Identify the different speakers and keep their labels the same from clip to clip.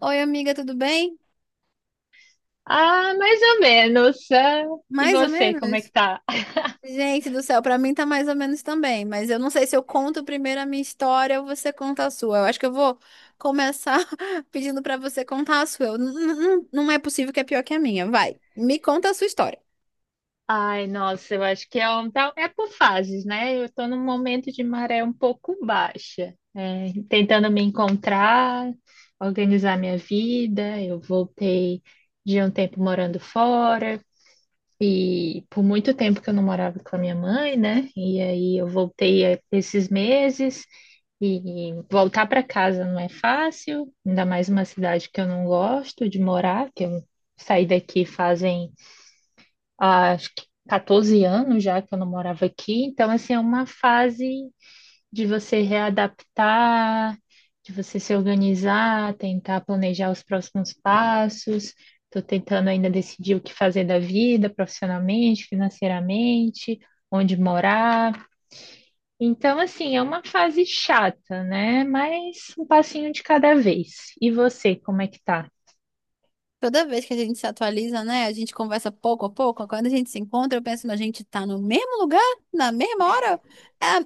Speaker 1: Oi, amiga, tudo bem?
Speaker 2: Ah, mais ou menos. Ah, e
Speaker 1: Mais ou
Speaker 2: você, como é que
Speaker 1: menos?
Speaker 2: tá?
Speaker 1: Gente do céu, pra mim tá mais ou menos também, mas eu não sei se eu conto primeiro a minha história ou você conta a sua. Eu acho que eu vou começar pedindo pra você contar a sua. Não é possível que é pior que a minha. Vai, me conta a sua história.
Speaker 2: Ai, nossa, eu acho que é, tá- é por fases, né? Eu tô num momento de maré um pouco baixa, é, tentando me encontrar, organizar minha vida. Eu voltei de um tempo morando fora e por muito tempo que eu não morava com a minha mãe, né? E aí eu voltei esses meses. E voltar para casa não é fácil, ainda mais uma cidade que eu não gosto de morar, que eu saí daqui fazem, acho que 14 anos já que eu não morava aqui. Então, assim, é uma fase de você readaptar, de você se organizar, tentar planejar os próximos passos. Estou tentando ainda decidir o que fazer da vida, profissionalmente, financeiramente, onde morar. Então, assim, é uma fase chata, né? Mas um passinho de cada vez. E você, como é que tá?
Speaker 1: Toda vez que a gente se atualiza, né? A gente conversa pouco a pouco. Quando a gente se encontra, eu penso, mas a gente tá no mesmo lugar, na mesma hora.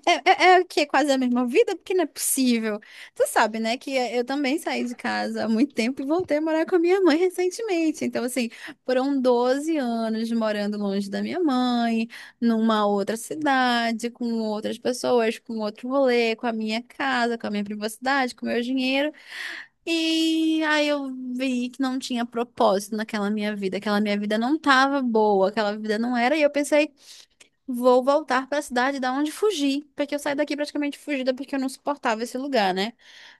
Speaker 1: É o quê? Quase a mesma vida? Porque não é possível. Tu sabe, né? Que eu também saí de casa há muito tempo e voltei a morar com a minha mãe recentemente. Então, assim, foram 12 anos morando longe da minha mãe, numa outra cidade, com outras pessoas, com outro rolê, com a minha casa, com a minha privacidade, com o meu dinheiro. E aí eu vi que não tinha propósito naquela minha vida, aquela minha vida não tava boa, aquela vida não era, e eu pensei, vou voltar para a cidade da onde fugi, porque eu saí daqui praticamente fugida porque eu não suportava esse lugar, né?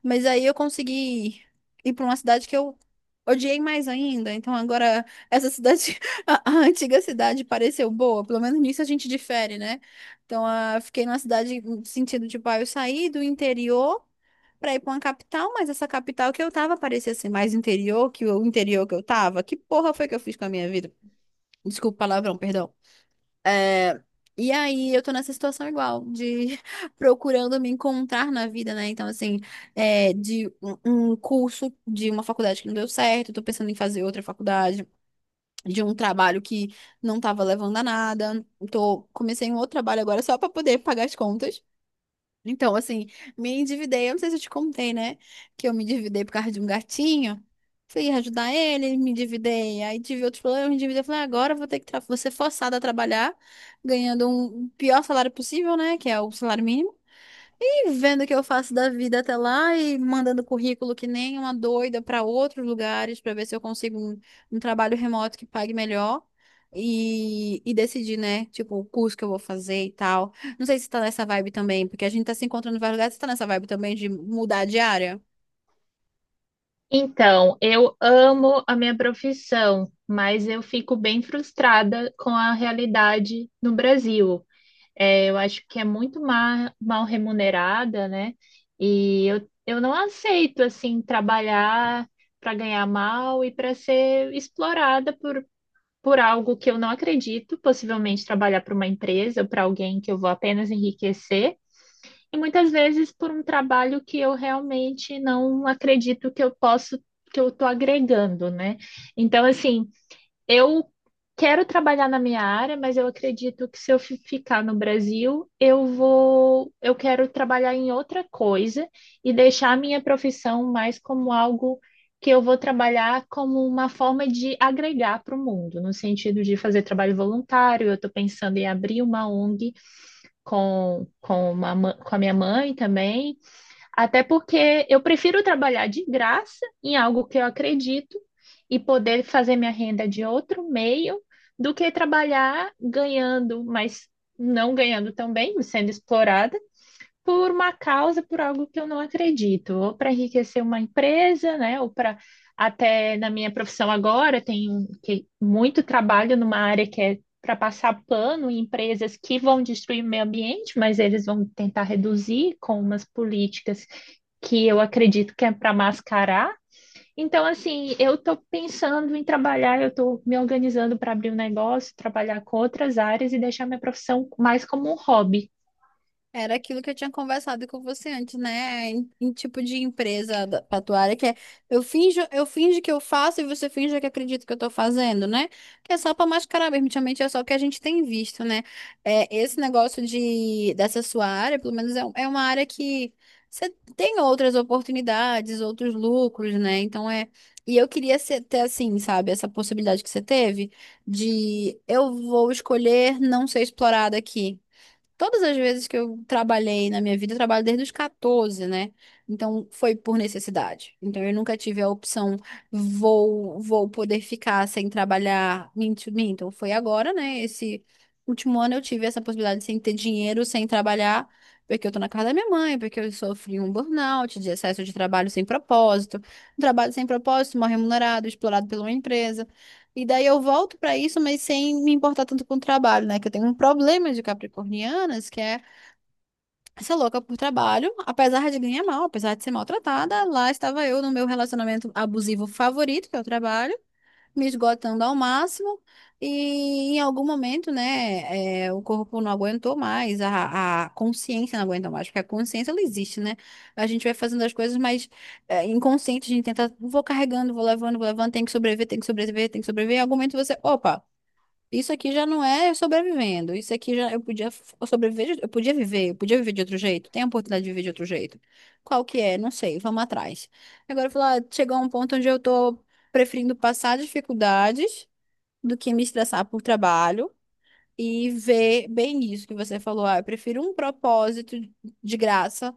Speaker 1: Mas aí eu consegui ir para uma cidade que eu odiei mais ainda. Então agora essa cidade, a antiga cidade pareceu boa, pelo menos nisso a gente difere, né? Então fiquei numa cidade no sentido de, pai, eu saí do interior para ir para uma capital, mas essa capital que eu tava parecia ser mais interior que o interior que eu tava. Que porra foi que eu fiz com a minha vida? Desculpa o palavrão, perdão. É, e aí eu tô nessa situação igual, de procurando me encontrar na vida, né? Então, assim, é, de um curso de uma faculdade que não deu certo, tô pensando em fazer outra faculdade, de um trabalho que não tava levando a nada. Tô, comecei um outro trabalho agora só pra poder pagar as contas. Então, assim, me endividei. Eu não sei se eu te contei, né? Que eu me endividei por causa de um gatinho. Fui ajudar ele, me endividei. Aí tive outros problemas, me endividei. Falei, "Ah, agora eu vou ter que vou ser forçada a trabalhar, ganhando o pior salário possível, né? Que é o salário mínimo. E vendo o que eu faço da vida até lá e mandando currículo que nem uma doida para outros lugares para ver se eu consigo um trabalho remoto que pague melhor. E decidir, né? Tipo, o curso que eu vou fazer e tal. Não sei se tá nessa vibe também, porque a gente tá se encontrando em vários lugares. Você tá nessa vibe também de mudar de área?
Speaker 2: Então, eu amo a minha profissão, mas eu fico bem frustrada com a realidade no Brasil. É, eu acho que é muito mal remunerada, né? E eu não aceito, assim, trabalhar para ganhar mal e para ser explorada por algo que eu não acredito, possivelmente trabalhar para uma empresa, para alguém que eu vou apenas enriquecer, e muitas vezes por um trabalho que eu realmente não acredito que eu posso, que eu estou agregando, né? Então, assim, eu quero trabalhar na minha área, mas eu acredito que se eu ficar no Brasil, eu vou, eu quero trabalhar em outra coisa e deixar a minha profissão mais como algo que eu vou trabalhar como uma forma de agregar para o mundo, no sentido de fazer trabalho voluntário. Eu estou pensando em abrir uma ONG uma com a minha mãe também. Até porque eu prefiro trabalhar de graça em algo que eu acredito e poder fazer minha renda de outro meio do que trabalhar ganhando, mas não ganhando tão bem, sendo explorada por uma causa, por algo que eu não acredito, ou para enriquecer uma empresa, né? Ou para até na minha profissão agora tem muito trabalho numa área que é para passar pano em empresas que vão destruir o meio ambiente, mas eles vão tentar reduzir com umas políticas que eu acredito que é para mascarar. Então, assim, eu estou pensando em trabalhar, eu estou me organizando para abrir um negócio, trabalhar com outras áreas e deixar minha profissão mais como um hobby.
Speaker 1: Era aquilo que eu tinha conversado com você antes, né? Em tipo de empresa pra tua área, que é eu finjo que eu faço e você finge que acredita que eu tô fazendo, né? Que é só pra mascarar mesmo, ultimamente é só o que a gente tem visto, né? É, esse negócio de, dessa sua área, pelo menos é, é uma área que você tem outras oportunidades, outros lucros, né? Então é. E eu queria ser, ter assim, sabe, essa possibilidade que você teve de eu vou escolher não ser explorada aqui. Todas as vezes que eu trabalhei na minha vida, eu trabalho desde os 14, né? Então foi por necessidade. Então eu nunca tive a opção, vou poder ficar sem trabalhar. Minto, minto, foi agora, né? Esse último ano eu tive essa possibilidade sem ter dinheiro, sem trabalhar, porque eu tô na casa da minha mãe, porque eu sofri um burnout de excesso de trabalho sem propósito. Um trabalho sem propósito, mal remunerado, explorado pela uma empresa. E daí eu volto para isso, mas sem me importar tanto com o trabalho, né? Que eu tenho um problema de capricornianas, que é essa louca por trabalho, apesar de ganhar mal, apesar de ser maltratada, lá estava eu no meu relacionamento abusivo favorito, que é o trabalho, me esgotando ao máximo. E em algum momento, né, é, o corpo não aguentou mais, a consciência não aguenta mais, porque a consciência ela existe, né? A gente vai fazendo as coisas, mas é, inconsciente, a gente tenta, vou carregando, vou levando, tem que sobreviver, tem que sobreviver, tem que sobreviver. Em algum momento você, opa, isso aqui já não é sobrevivendo. Isso aqui já eu podia eu sobreviver, eu podia viver de outro jeito. Tem a oportunidade de viver de outro jeito. Qual que é? Não sei, vamos atrás. Agora falar, chegou a um ponto onde eu tô preferindo passar dificuldades do que me estressar por trabalho e ver bem isso que você falou. Ah, eu prefiro um propósito de graça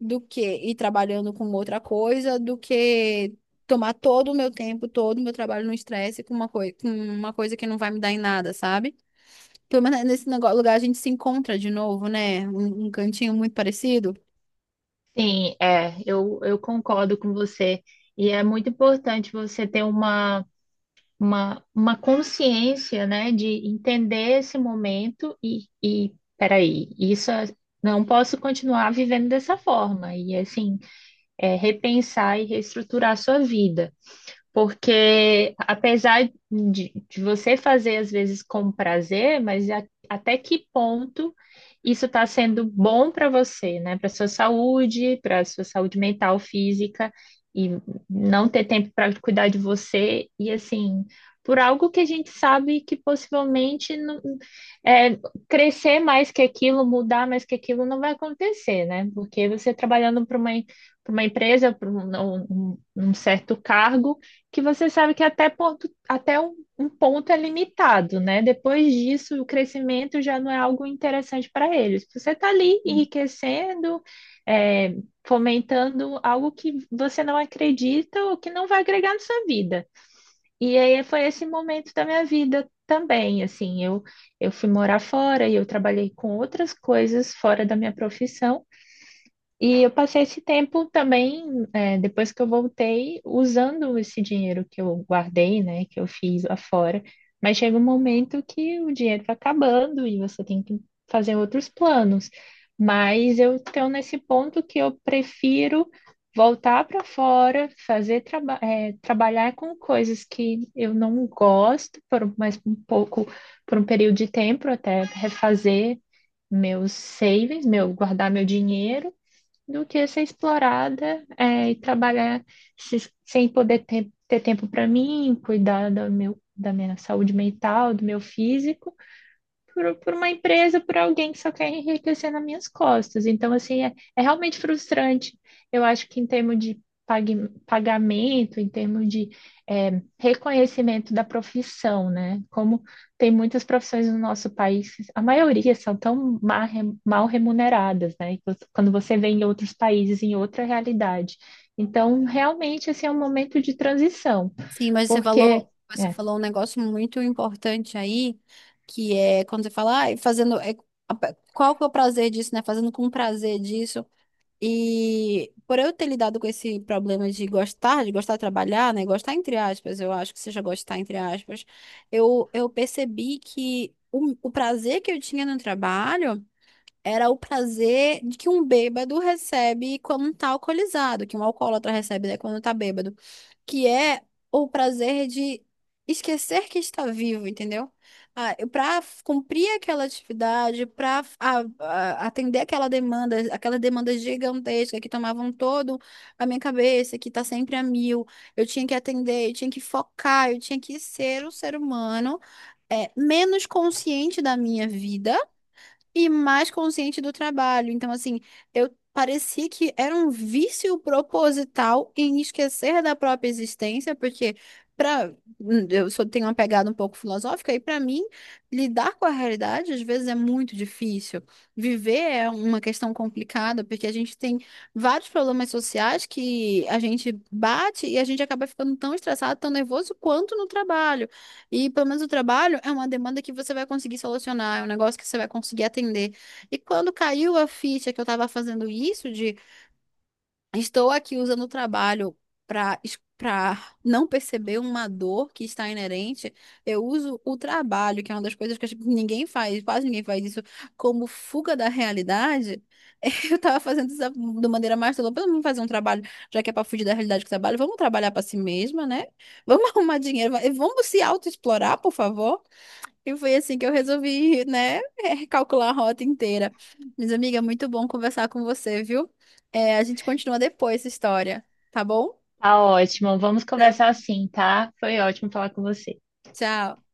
Speaker 1: do que ir trabalhando com outra coisa, do que tomar todo o meu tempo, todo o meu trabalho no estresse com uma coisa que não vai me dar em nada, sabe? Pelo menos nesse negócio, lugar a gente se encontra de novo, né? Um cantinho muito parecido.
Speaker 2: Sim, é, eu concordo com você. E é muito importante você ter uma consciência, né, de entender esse momento e peraí, não posso continuar vivendo dessa forma. E assim, é, repensar e reestruturar a sua vida. Porque apesar de você fazer às vezes com prazer, mas até que ponto isso está sendo bom para você, né? Para sua saúde mental, física, e não ter tempo para cuidar de você, e assim, por algo que a gente sabe que possivelmente não, é, crescer mais que aquilo, mudar mais que aquilo não vai acontecer, né? Porque você trabalhando para uma empresa, para um, um certo cargo que você sabe que até, ponto, até um, um ponto é limitado, né? Depois disso, o crescimento já não é algo interessante para eles. Você está ali enriquecendo, é, fomentando algo que você não acredita ou que não vai agregar na sua vida. E aí foi esse momento da minha vida também, assim, eu fui morar fora e eu trabalhei com outras coisas fora da minha profissão, e eu passei esse tempo também, é, depois que eu voltei, usando esse dinheiro que eu guardei, né, que eu fiz lá fora. Mas chega um momento que o dinheiro vai acabando e você tem que fazer outros planos. Mas eu estou nesse ponto que eu prefiro voltar para fora, fazer traba é, trabalhar com coisas que eu não gosto, por mais um pouco, por um período de tempo, até refazer meus savings, meu guardar meu dinheiro do que ser explorada, é, e trabalhar sem poder ter tempo para mim, cuidar do meu, da minha saúde mental, do meu físico por uma empresa, por alguém que só quer enriquecer nas minhas costas. Então, assim, é, é realmente frustrante. Eu acho que em termos de pagamento, em termos de é, reconhecimento da profissão, né? Como tem muitas profissões no nosso país, a maioria são tão mal remuneradas, né? E você- Quando você vê em outros países, em outra realidade. Então, realmente, esse é um momento de transição,
Speaker 1: Sim, mas
Speaker 2: porque...
Speaker 1: você
Speaker 2: é,
Speaker 1: falou um negócio muito importante aí, que é quando você fala, ai, fazendo. É, a- qual que é o prazer disso, né? Fazendo com prazer disso. E por eu ter lidado com esse problema de gostar, de gostar de trabalhar, né? Gostar entre aspas, eu acho que seja gostar entre aspas, eu percebi que o prazer que eu tinha no trabalho era o prazer de que um bêbado recebe quando tá alcoolizado, que um alcoólatra recebe, né, quando tá bêbado, que é o prazer de esquecer que está vivo, entendeu? Ah, para cumprir aquela atividade, para atender aquela demanda gigantesca que tomavam todo a minha cabeça, que tá sempre a mil, eu tinha que atender, eu tinha que focar, eu tinha que ser um ser humano é, menos consciente da minha vida e mais consciente do trabalho. Então, assim, eu parecia que era um vício proposital em esquecer da própria existência, porque para eu só tenho uma pegada um pouco filosófica e para mim lidar com a realidade às vezes é muito difícil. Viver é uma questão complicada, porque a gente tem vários problemas sociais que a gente bate e a gente acaba ficando tão estressado, tão nervoso quanto no trabalho. E pelo menos o trabalho é uma demanda que você vai conseguir solucionar, é um negócio que você vai conseguir atender. E quando caiu a ficha que eu estava fazendo isso, de estou aqui usando o trabalho para para não perceber uma dor que está inerente. Eu uso o trabalho, que é uma das coisas que acho que ninguém faz, quase ninguém faz isso, como fuga da realidade. Eu estava fazendo isso de maneira mais tola. Vamos fazer um trabalho, já que é para fugir da realidade que trabalho, vamos trabalhar para si mesma, né? Vamos arrumar dinheiro, vamos se autoexplorar, por favor. E foi assim que eu resolvi, né, recalcular a rota inteira. Mas, amiga, muito bom conversar com você, viu? É, a gente continua depois essa história, tá bom?
Speaker 2: Tá ótimo. Vamos
Speaker 1: Tá.
Speaker 2: conversar assim, tá? Foi ótimo falar com você.
Speaker 1: Tchau.